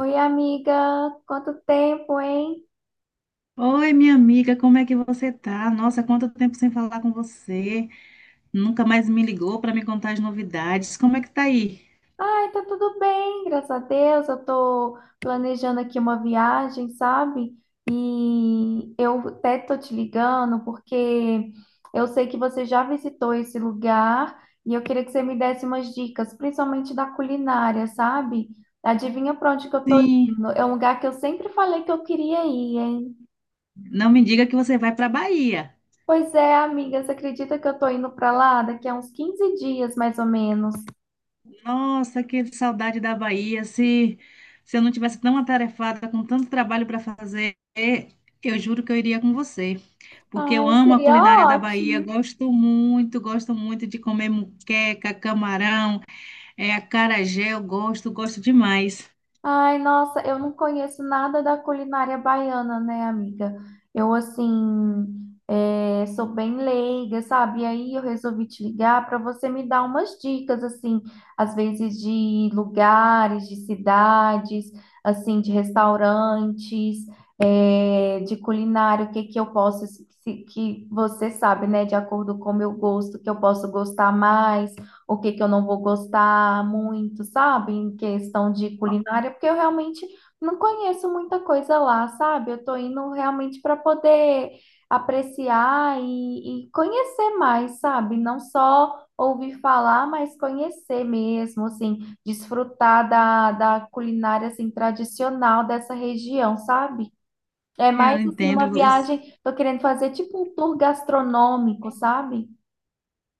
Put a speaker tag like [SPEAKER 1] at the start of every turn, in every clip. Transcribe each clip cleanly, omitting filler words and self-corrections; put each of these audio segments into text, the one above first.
[SPEAKER 1] Oi, amiga, quanto tempo, hein?
[SPEAKER 2] Oi, minha amiga, como é que você tá? Nossa, quanto tempo sem falar com você. Nunca mais me ligou para me contar as novidades. Como é que tá aí?
[SPEAKER 1] Ai, tá tudo bem, graças a Deus. Eu tô planejando aqui uma viagem, sabe? E eu até tô te ligando porque eu sei que você já visitou esse lugar e eu queria que você me desse umas dicas, principalmente da culinária, sabe? Adivinha pra onde que eu tô
[SPEAKER 2] Sim,
[SPEAKER 1] indo? É um lugar que eu sempre falei que eu queria ir, hein?
[SPEAKER 2] não me diga que você vai para Bahia.
[SPEAKER 1] Pois é, amiga, você acredita que eu tô indo pra lá daqui a uns 15 dias, mais ou menos?
[SPEAKER 2] Nossa, que saudade da Bahia. Se eu não tivesse tão atarefada com tanto trabalho para fazer, eu juro que eu iria com você. Porque eu
[SPEAKER 1] Ai,
[SPEAKER 2] amo a
[SPEAKER 1] seria
[SPEAKER 2] culinária da Bahia,
[SPEAKER 1] ótimo.
[SPEAKER 2] gosto muito de comer muqueca, camarão, acarajé, eu gosto, gosto demais.
[SPEAKER 1] Ai, nossa, eu não conheço nada da culinária baiana, né, amiga? Eu sou bem leiga, sabe? E aí eu resolvi te ligar para você me dar umas dicas, assim, às vezes de lugares, de cidades, assim, de restaurantes, de culinária, o que que eu posso, que você sabe, né, de acordo com o meu gosto, que eu posso gostar mais. O que que eu não vou gostar muito, sabe? Em questão de culinária, porque eu realmente não conheço muita coisa lá, sabe? Eu tô indo realmente para poder apreciar e conhecer mais, sabe? Não só ouvir falar, mas conhecer mesmo, assim, desfrutar da culinária, assim, tradicional dessa região, sabe? É
[SPEAKER 2] Eu
[SPEAKER 1] mais, assim,
[SPEAKER 2] entendo
[SPEAKER 1] uma
[SPEAKER 2] você.
[SPEAKER 1] viagem, tô querendo fazer tipo um tour gastronômico, sabe?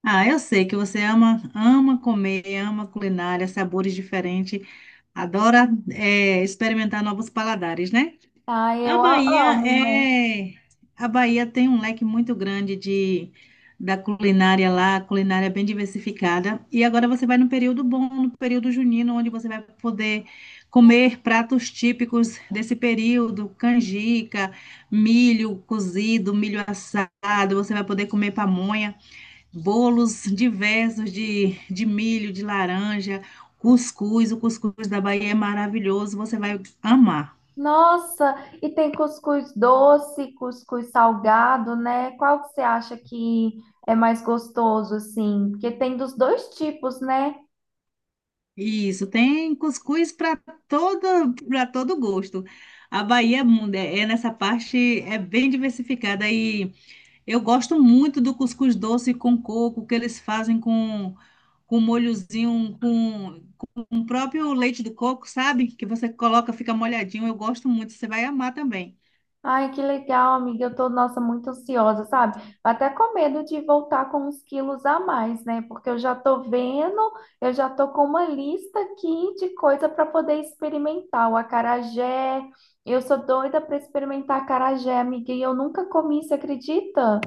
[SPEAKER 2] Ah, eu sei que você ama, ama comer, ama culinária, sabores diferentes, adora experimentar novos paladares, né?
[SPEAKER 1] Ah,
[SPEAKER 2] A
[SPEAKER 1] eu a-
[SPEAKER 2] Bahia
[SPEAKER 1] amo, né?
[SPEAKER 2] é, a Bahia tem um leque muito grande de da culinária lá, a culinária é bem diversificada. E agora você vai no período bom, no período junino, onde você vai poder comer pratos típicos desse período, canjica, milho cozido, milho assado, você vai poder comer pamonha, bolos diversos de milho, de laranja, cuscuz. O cuscuz da Bahia é maravilhoso, você vai amar.
[SPEAKER 1] Nossa, e tem cuscuz doce, cuscuz salgado, né? Qual que você acha que é mais gostoso, assim? Porque tem dos dois tipos, né?
[SPEAKER 2] Isso, tem cuscuz para todo gosto. A Bahia nessa parte é bem diversificada e eu gosto muito do cuscuz doce com coco que eles fazem com um molhozinho com o próprio leite do coco, sabe? Que você coloca, fica molhadinho. Eu gosto muito, você vai amar também.
[SPEAKER 1] Ai, que legal, amiga. Eu tô, nossa, muito ansiosa, sabe? Até com medo de voltar com uns quilos a mais, né? Porque eu já tô vendo, eu já tô com uma lista aqui de coisa para poder experimentar. O acarajé, eu sou doida para experimentar acarajé, amiga, e eu nunca comi, você acredita?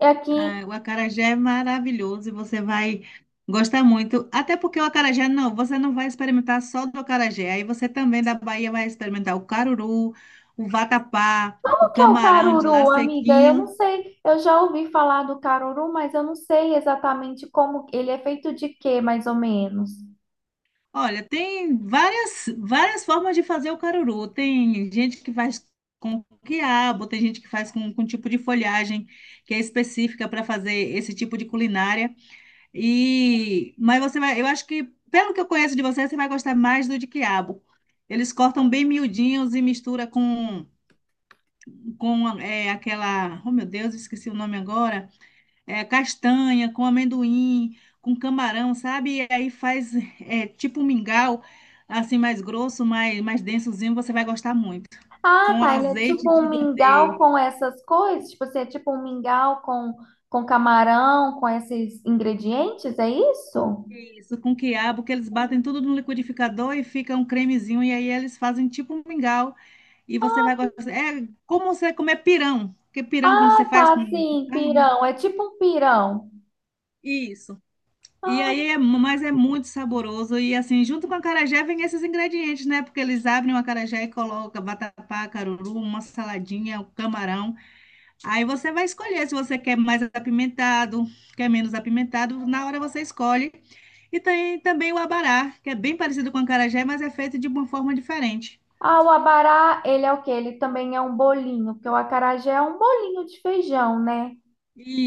[SPEAKER 1] É aqui.
[SPEAKER 2] Ah, o acarajé é maravilhoso e você vai gostar muito. Até porque o acarajé, não, você não vai experimentar só do acarajé. Aí você também da Bahia vai experimentar o caruru, o vatapá, o
[SPEAKER 1] O que é o
[SPEAKER 2] camarão de lá
[SPEAKER 1] caruru, amiga? Eu não
[SPEAKER 2] sequinho.
[SPEAKER 1] sei. Eu já ouvi falar do caruru, mas eu não sei exatamente como ele é feito de quê, mais ou menos.
[SPEAKER 2] Olha, tem várias, várias formas de fazer o caruru. Tem gente que faz com quiabo, tem gente que faz com tipo de folhagem que é específica para fazer esse tipo de culinária. E, mas você vai, eu acho que, pelo que eu conheço de você, você vai gostar mais do de quiabo. Eles cortam bem miudinhos e mistura com, aquela, oh meu Deus, esqueci o nome agora, castanha, com amendoim, com camarão, sabe? E aí faz tipo um mingau, assim, mais grosso, mais, mais densozinho, você vai gostar muito.
[SPEAKER 1] Ah,
[SPEAKER 2] Com
[SPEAKER 1] tá. Ele é tipo
[SPEAKER 2] azeite
[SPEAKER 1] um
[SPEAKER 2] de
[SPEAKER 1] mingau
[SPEAKER 2] dendê.
[SPEAKER 1] com essas coisas? Tipo, você é tipo um mingau com camarão, com esses ingredientes? É isso?
[SPEAKER 2] Isso, com quiabo, que eles batem tudo no liquidificador e fica um cremezinho, e aí eles fazem tipo um mingau. E você vai gostar. É como você comer pirão, porque pirão quando você
[SPEAKER 1] Ah,
[SPEAKER 2] faz
[SPEAKER 1] tá.
[SPEAKER 2] com
[SPEAKER 1] Sim,
[SPEAKER 2] carne.
[SPEAKER 1] pirão. É tipo um pirão.
[SPEAKER 2] Isso.
[SPEAKER 1] Ah,
[SPEAKER 2] Mas é muito saboroso. E assim, junto com a acarajé vem esses ingredientes, né? Porque eles abrem o acarajé e colocam vatapá, caruru, uma saladinha, o camarão. Aí você vai escolher se você quer mais apimentado, quer menos apimentado, na hora você escolhe. E tem também o abará, que é bem parecido com o acarajé, mas é feito de uma forma diferente.
[SPEAKER 1] ah, o abará, ele é o quê? Ele também é um bolinho, porque o acarajé é um bolinho de feijão, né?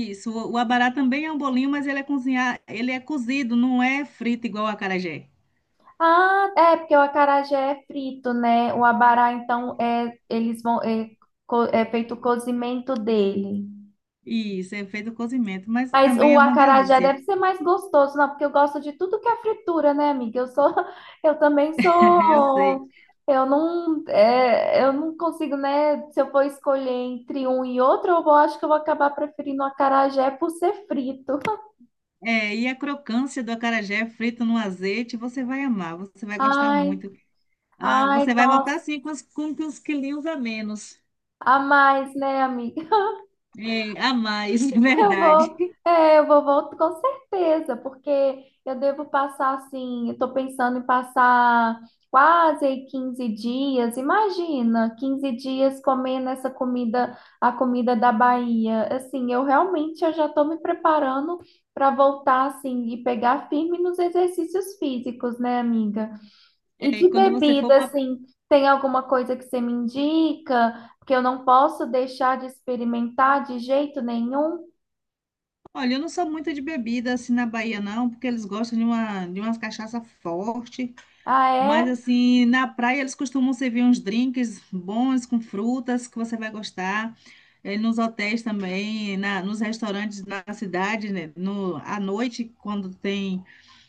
[SPEAKER 2] Isso, o abará também é um bolinho, mas ele é cozinhar, ele é cozido, não é frito igual o acarajé.
[SPEAKER 1] Ah, é, porque o acarajé é frito, né? O abará, então, é, eles vão, é feito o cozimento dele.
[SPEAKER 2] Isso, é feito cozimento, mas
[SPEAKER 1] Mas
[SPEAKER 2] também é
[SPEAKER 1] o
[SPEAKER 2] uma
[SPEAKER 1] acarajé
[SPEAKER 2] delícia.
[SPEAKER 1] deve ser mais gostoso, não, porque eu gosto de tudo que é fritura, né, amiga? Eu sou, eu também
[SPEAKER 2] Eu sei.
[SPEAKER 1] sou, eu não consigo, né? Se eu for escolher entre um e outro, eu vou, acho que eu vou acabar preferindo o acarajé por ser frito.
[SPEAKER 2] É, e a crocância do acarajé frito no azeite, você vai amar, você vai gostar
[SPEAKER 1] Ai,
[SPEAKER 2] muito. Ah,
[SPEAKER 1] ai,
[SPEAKER 2] você vai
[SPEAKER 1] nossa,
[SPEAKER 2] voltar assim com os quilinhos a menos.
[SPEAKER 1] a mais, né, amiga?
[SPEAKER 2] É, a mais, é
[SPEAKER 1] Eu
[SPEAKER 2] verdade.
[SPEAKER 1] vou, eu vou voltar com certeza, porque eu devo passar assim, eu tô pensando em passar quase aí 15 dias. Imagina, 15 dias comendo essa comida, a comida da Bahia. Assim, eu realmente eu já estou me preparando para voltar assim e pegar firme nos exercícios físicos, né, amiga? E
[SPEAKER 2] É, e
[SPEAKER 1] de
[SPEAKER 2] quando você for
[SPEAKER 1] bebida,
[SPEAKER 2] para.
[SPEAKER 1] assim, tem alguma coisa que você me indica? Porque eu não posso deixar de experimentar de jeito nenhum.
[SPEAKER 2] Olha, eu não sou muito de bebida assim na Bahia, não, porque eles gostam de uma, de umas cachaça forte.
[SPEAKER 1] Ah,
[SPEAKER 2] Mas
[SPEAKER 1] é?
[SPEAKER 2] assim, na praia eles costumam servir uns drinks bons com frutas que você vai gostar. É, nos hotéis também, nos restaurantes na cidade, né? No, à noite, quando tem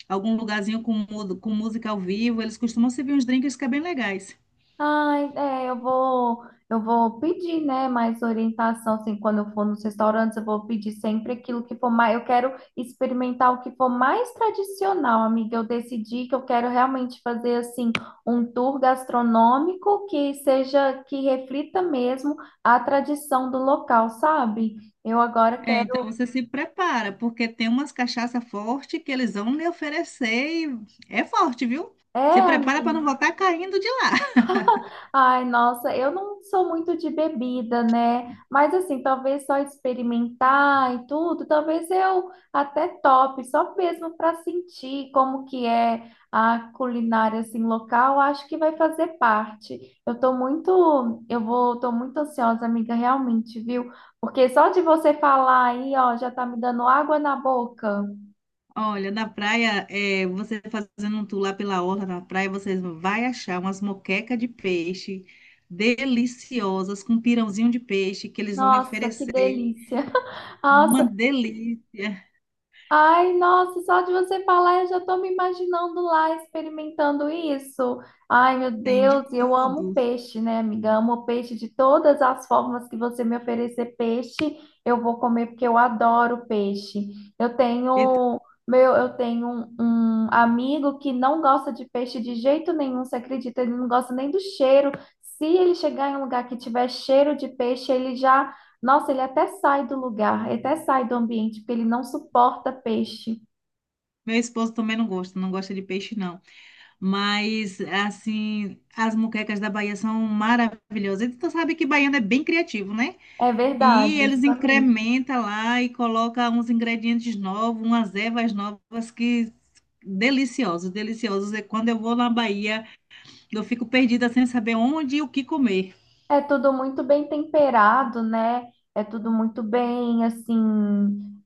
[SPEAKER 2] algum lugarzinho com, com música ao vivo, eles costumam servir uns drinks que é bem legais.
[SPEAKER 1] Ai, é, eu vou pedir, né, mais orientação, assim, quando eu for nos restaurantes, eu vou pedir sempre aquilo que for mais, eu quero experimentar o que for mais tradicional, amiga. Eu decidi que eu quero realmente fazer, assim, um tour gastronômico que seja, que reflita mesmo a tradição do local, sabe? Eu agora
[SPEAKER 2] É,
[SPEAKER 1] quero,
[SPEAKER 2] então você se prepara, porque tem umas cachaça forte que eles vão lhe oferecer e é forte, viu? Se
[SPEAKER 1] é,
[SPEAKER 2] prepara para não
[SPEAKER 1] amiga.
[SPEAKER 2] voltar caindo de lá.
[SPEAKER 1] Ai, nossa, eu não sou muito de bebida, né? Mas assim, talvez só experimentar e tudo, talvez eu até top, só mesmo para sentir como que é a culinária assim local, acho que vai fazer parte. Eu tô muito, eu vou, tô muito ansiosa, amiga, realmente, viu? Porque só de você falar aí, ó, já tá me dando água na boca.
[SPEAKER 2] Olha, na praia, você fazendo um tour lá pela orla na praia, vocês vai achar umas moquecas de peixe deliciosas com pirãozinho de peixe que eles vão lhe
[SPEAKER 1] Nossa, que
[SPEAKER 2] oferecer.
[SPEAKER 1] delícia. Ah,
[SPEAKER 2] Uma delícia,
[SPEAKER 1] ai, nossa, só de você falar, eu já tô me imaginando lá experimentando isso. Ai, meu
[SPEAKER 2] tem de
[SPEAKER 1] Deus, e eu amo
[SPEAKER 2] tudo.
[SPEAKER 1] peixe, né, amiga? Amo peixe de todas as formas que você me oferecer peixe, eu vou comer porque eu adoro peixe. Eu
[SPEAKER 2] E t-
[SPEAKER 1] tenho, eu tenho um, amigo que não gosta de peixe de jeito nenhum, você acredita? Ele não gosta nem do cheiro. Se ele chegar em um lugar que tiver cheiro de peixe, ele já nossa, ele até sai do lugar, ele até sai do ambiente, porque ele não suporta peixe.
[SPEAKER 2] Meu esposo também não gosta, não gosta de peixe não. Mas, assim, as muquecas da Bahia são maravilhosas. E tu sabe que baiano é bem criativo, né?
[SPEAKER 1] É
[SPEAKER 2] E
[SPEAKER 1] verdade,
[SPEAKER 2] eles
[SPEAKER 1] isso é mesmo.
[SPEAKER 2] incrementam lá e colocam uns ingredientes novos, umas ervas novas que deliciosos, deliciosos. E quando eu vou na Bahia, eu fico perdida sem saber onde e o que comer.
[SPEAKER 1] É tudo muito bem temperado, né? É tudo muito bem, assim,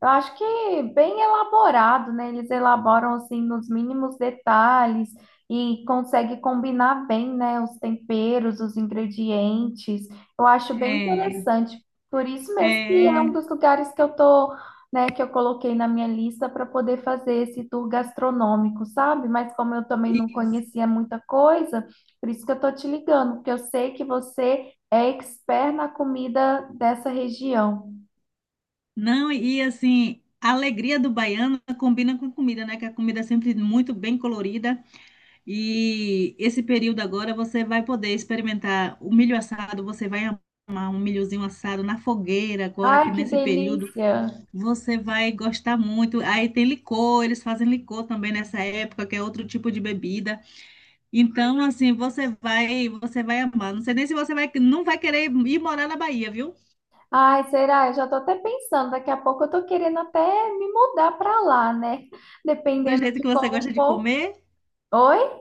[SPEAKER 1] eu acho que bem elaborado, né? Eles elaboram assim nos mínimos detalhes e consegue combinar bem, né? Os temperos, os ingredientes. Eu acho bem
[SPEAKER 2] É,
[SPEAKER 1] interessante. Por isso mesmo que é um
[SPEAKER 2] é,
[SPEAKER 1] dos lugares que eu tô, né? Que eu coloquei na minha lista para poder fazer esse tour gastronômico, sabe? Mas como eu também não
[SPEAKER 2] isso.
[SPEAKER 1] conhecia muita coisa, por isso que eu tô te ligando, porque eu sei que você é expert na comida dessa região.
[SPEAKER 2] Não, e assim, a alegria do baiano combina com comida, né? Que a comida é sempre muito bem colorida. E esse período agora você vai poder experimentar o milho assado, você vai amar um milhozinho assado na fogueira agora
[SPEAKER 1] Ai,
[SPEAKER 2] que
[SPEAKER 1] que
[SPEAKER 2] nesse período
[SPEAKER 1] delícia!
[SPEAKER 2] você vai gostar muito. Aí tem licor, eles fazem licor também nessa época, que é outro tipo de bebida. Então, assim, você vai amar. Não sei nem se você vai, não vai querer ir morar na Bahia, viu?
[SPEAKER 1] Ai, será? Eu já tô até pensando, daqui a pouco eu tô querendo até me mudar para lá, né?
[SPEAKER 2] Do
[SPEAKER 1] Dependendo
[SPEAKER 2] jeito
[SPEAKER 1] de
[SPEAKER 2] que você gosta
[SPEAKER 1] como
[SPEAKER 2] de
[SPEAKER 1] for.
[SPEAKER 2] comer,
[SPEAKER 1] Oi?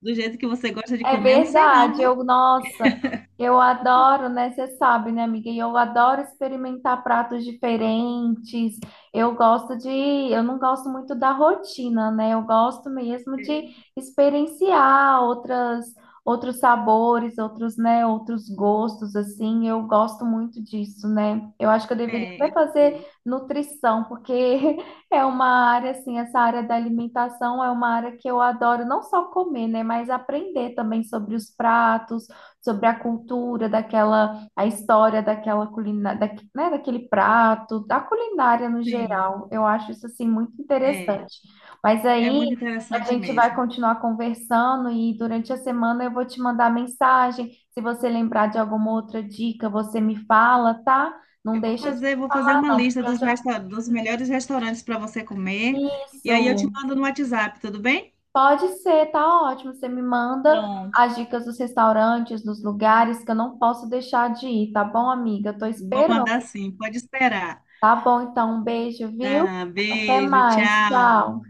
[SPEAKER 2] do jeito que você gosta de
[SPEAKER 1] É
[SPEAKER 2] comer, eu não sei não,
[SPEAKER 1] verdade,
[SPEAKER 2] viu?
[SPEAKER 1] eu, nossa, eu adoro, né? Você sabe, né, amiga? E eu adoro experimentar pratos diferentes. Eu gosto de, eu não gosto muito da rotina, né? Eu gosto mesmo de experienciar outras, outros sabores, outros, né, outros gostos, assim. Eu gosto muito disso, né? Eu acho que eu deveria
[SPEAKER 2] É,
[SPEAKER 1] até
[SPEAKER 2] eu
[SPEAKER 1] fazer
[SPEAKER 2] sei.
[SPEAKER 1] nutrição, porque é uma área, assim, essa área da alimentação é uma área que eu adoro não só comer, né, mas aprender também sobre os pratos, sobre a cultura daquela, a história daquela culinária, né, daquele prato, da culinária no
[SPEAKER 2] Sim,
[SPEAKER 1] geral. Eu acho isso, assim, muito
[SPEAKER 2] é,
[SPEAKER 1] interessante. Mas
[SPEAKER 2] é muito
[SPEAKER 1] aí a
[SPEAKER 2] interessante
[SPEAKER 1] gente vai
[SPEAKER 2] mesmo.
[SPEAKER 1] continuar conversando e durante a semana eu vou te mandar mensagem. Se você lembrar de alguma outra dica, você me fala, tá? Não
[SPEAKER 2] Eu
[SPEAKER 1] deixa de me
[SPEAKER 2] vou fazer
[SPEAKER 1] falar,
[SPEAKER 2] uma
[SPEAKER 1] não,
[SPEAKER 2] lista
[SPEAKER 1] porque eu
[SPEAKER 2] dos,
[SPEAKER 1] já...
[SPEAKER 2] dos melhores restaurantes para você comer. E aí eu te
[SPEAKER 1] Isso!
[SPEAKER 2] mando no WhatsApp, tudo bem?
[SPEAKER 1] Pode ser, tá ótimo. Você me manda
[SPEAKER 2] Pronto.
[SPEAKER 1] as dicas dos restaurantes, dos lugares que eu não posso deixar de ir, tá bom, amiga? Eu tô
[SPEAKER 2] Vou
[SPEAKER 1] esperando.
[SPEAKER 2] mandar sim, pode esperar.
[SPEAKER 1] Tá bom, então, um beijo, viu?
[SPEAKER 2] Tá,
[SPEAKER 1] Até
[SPEAKER 2] beijo,
[SPEAKER 1] mais.
[SPEAKER 2] tchau.
[SPEAKER 1] Tchau.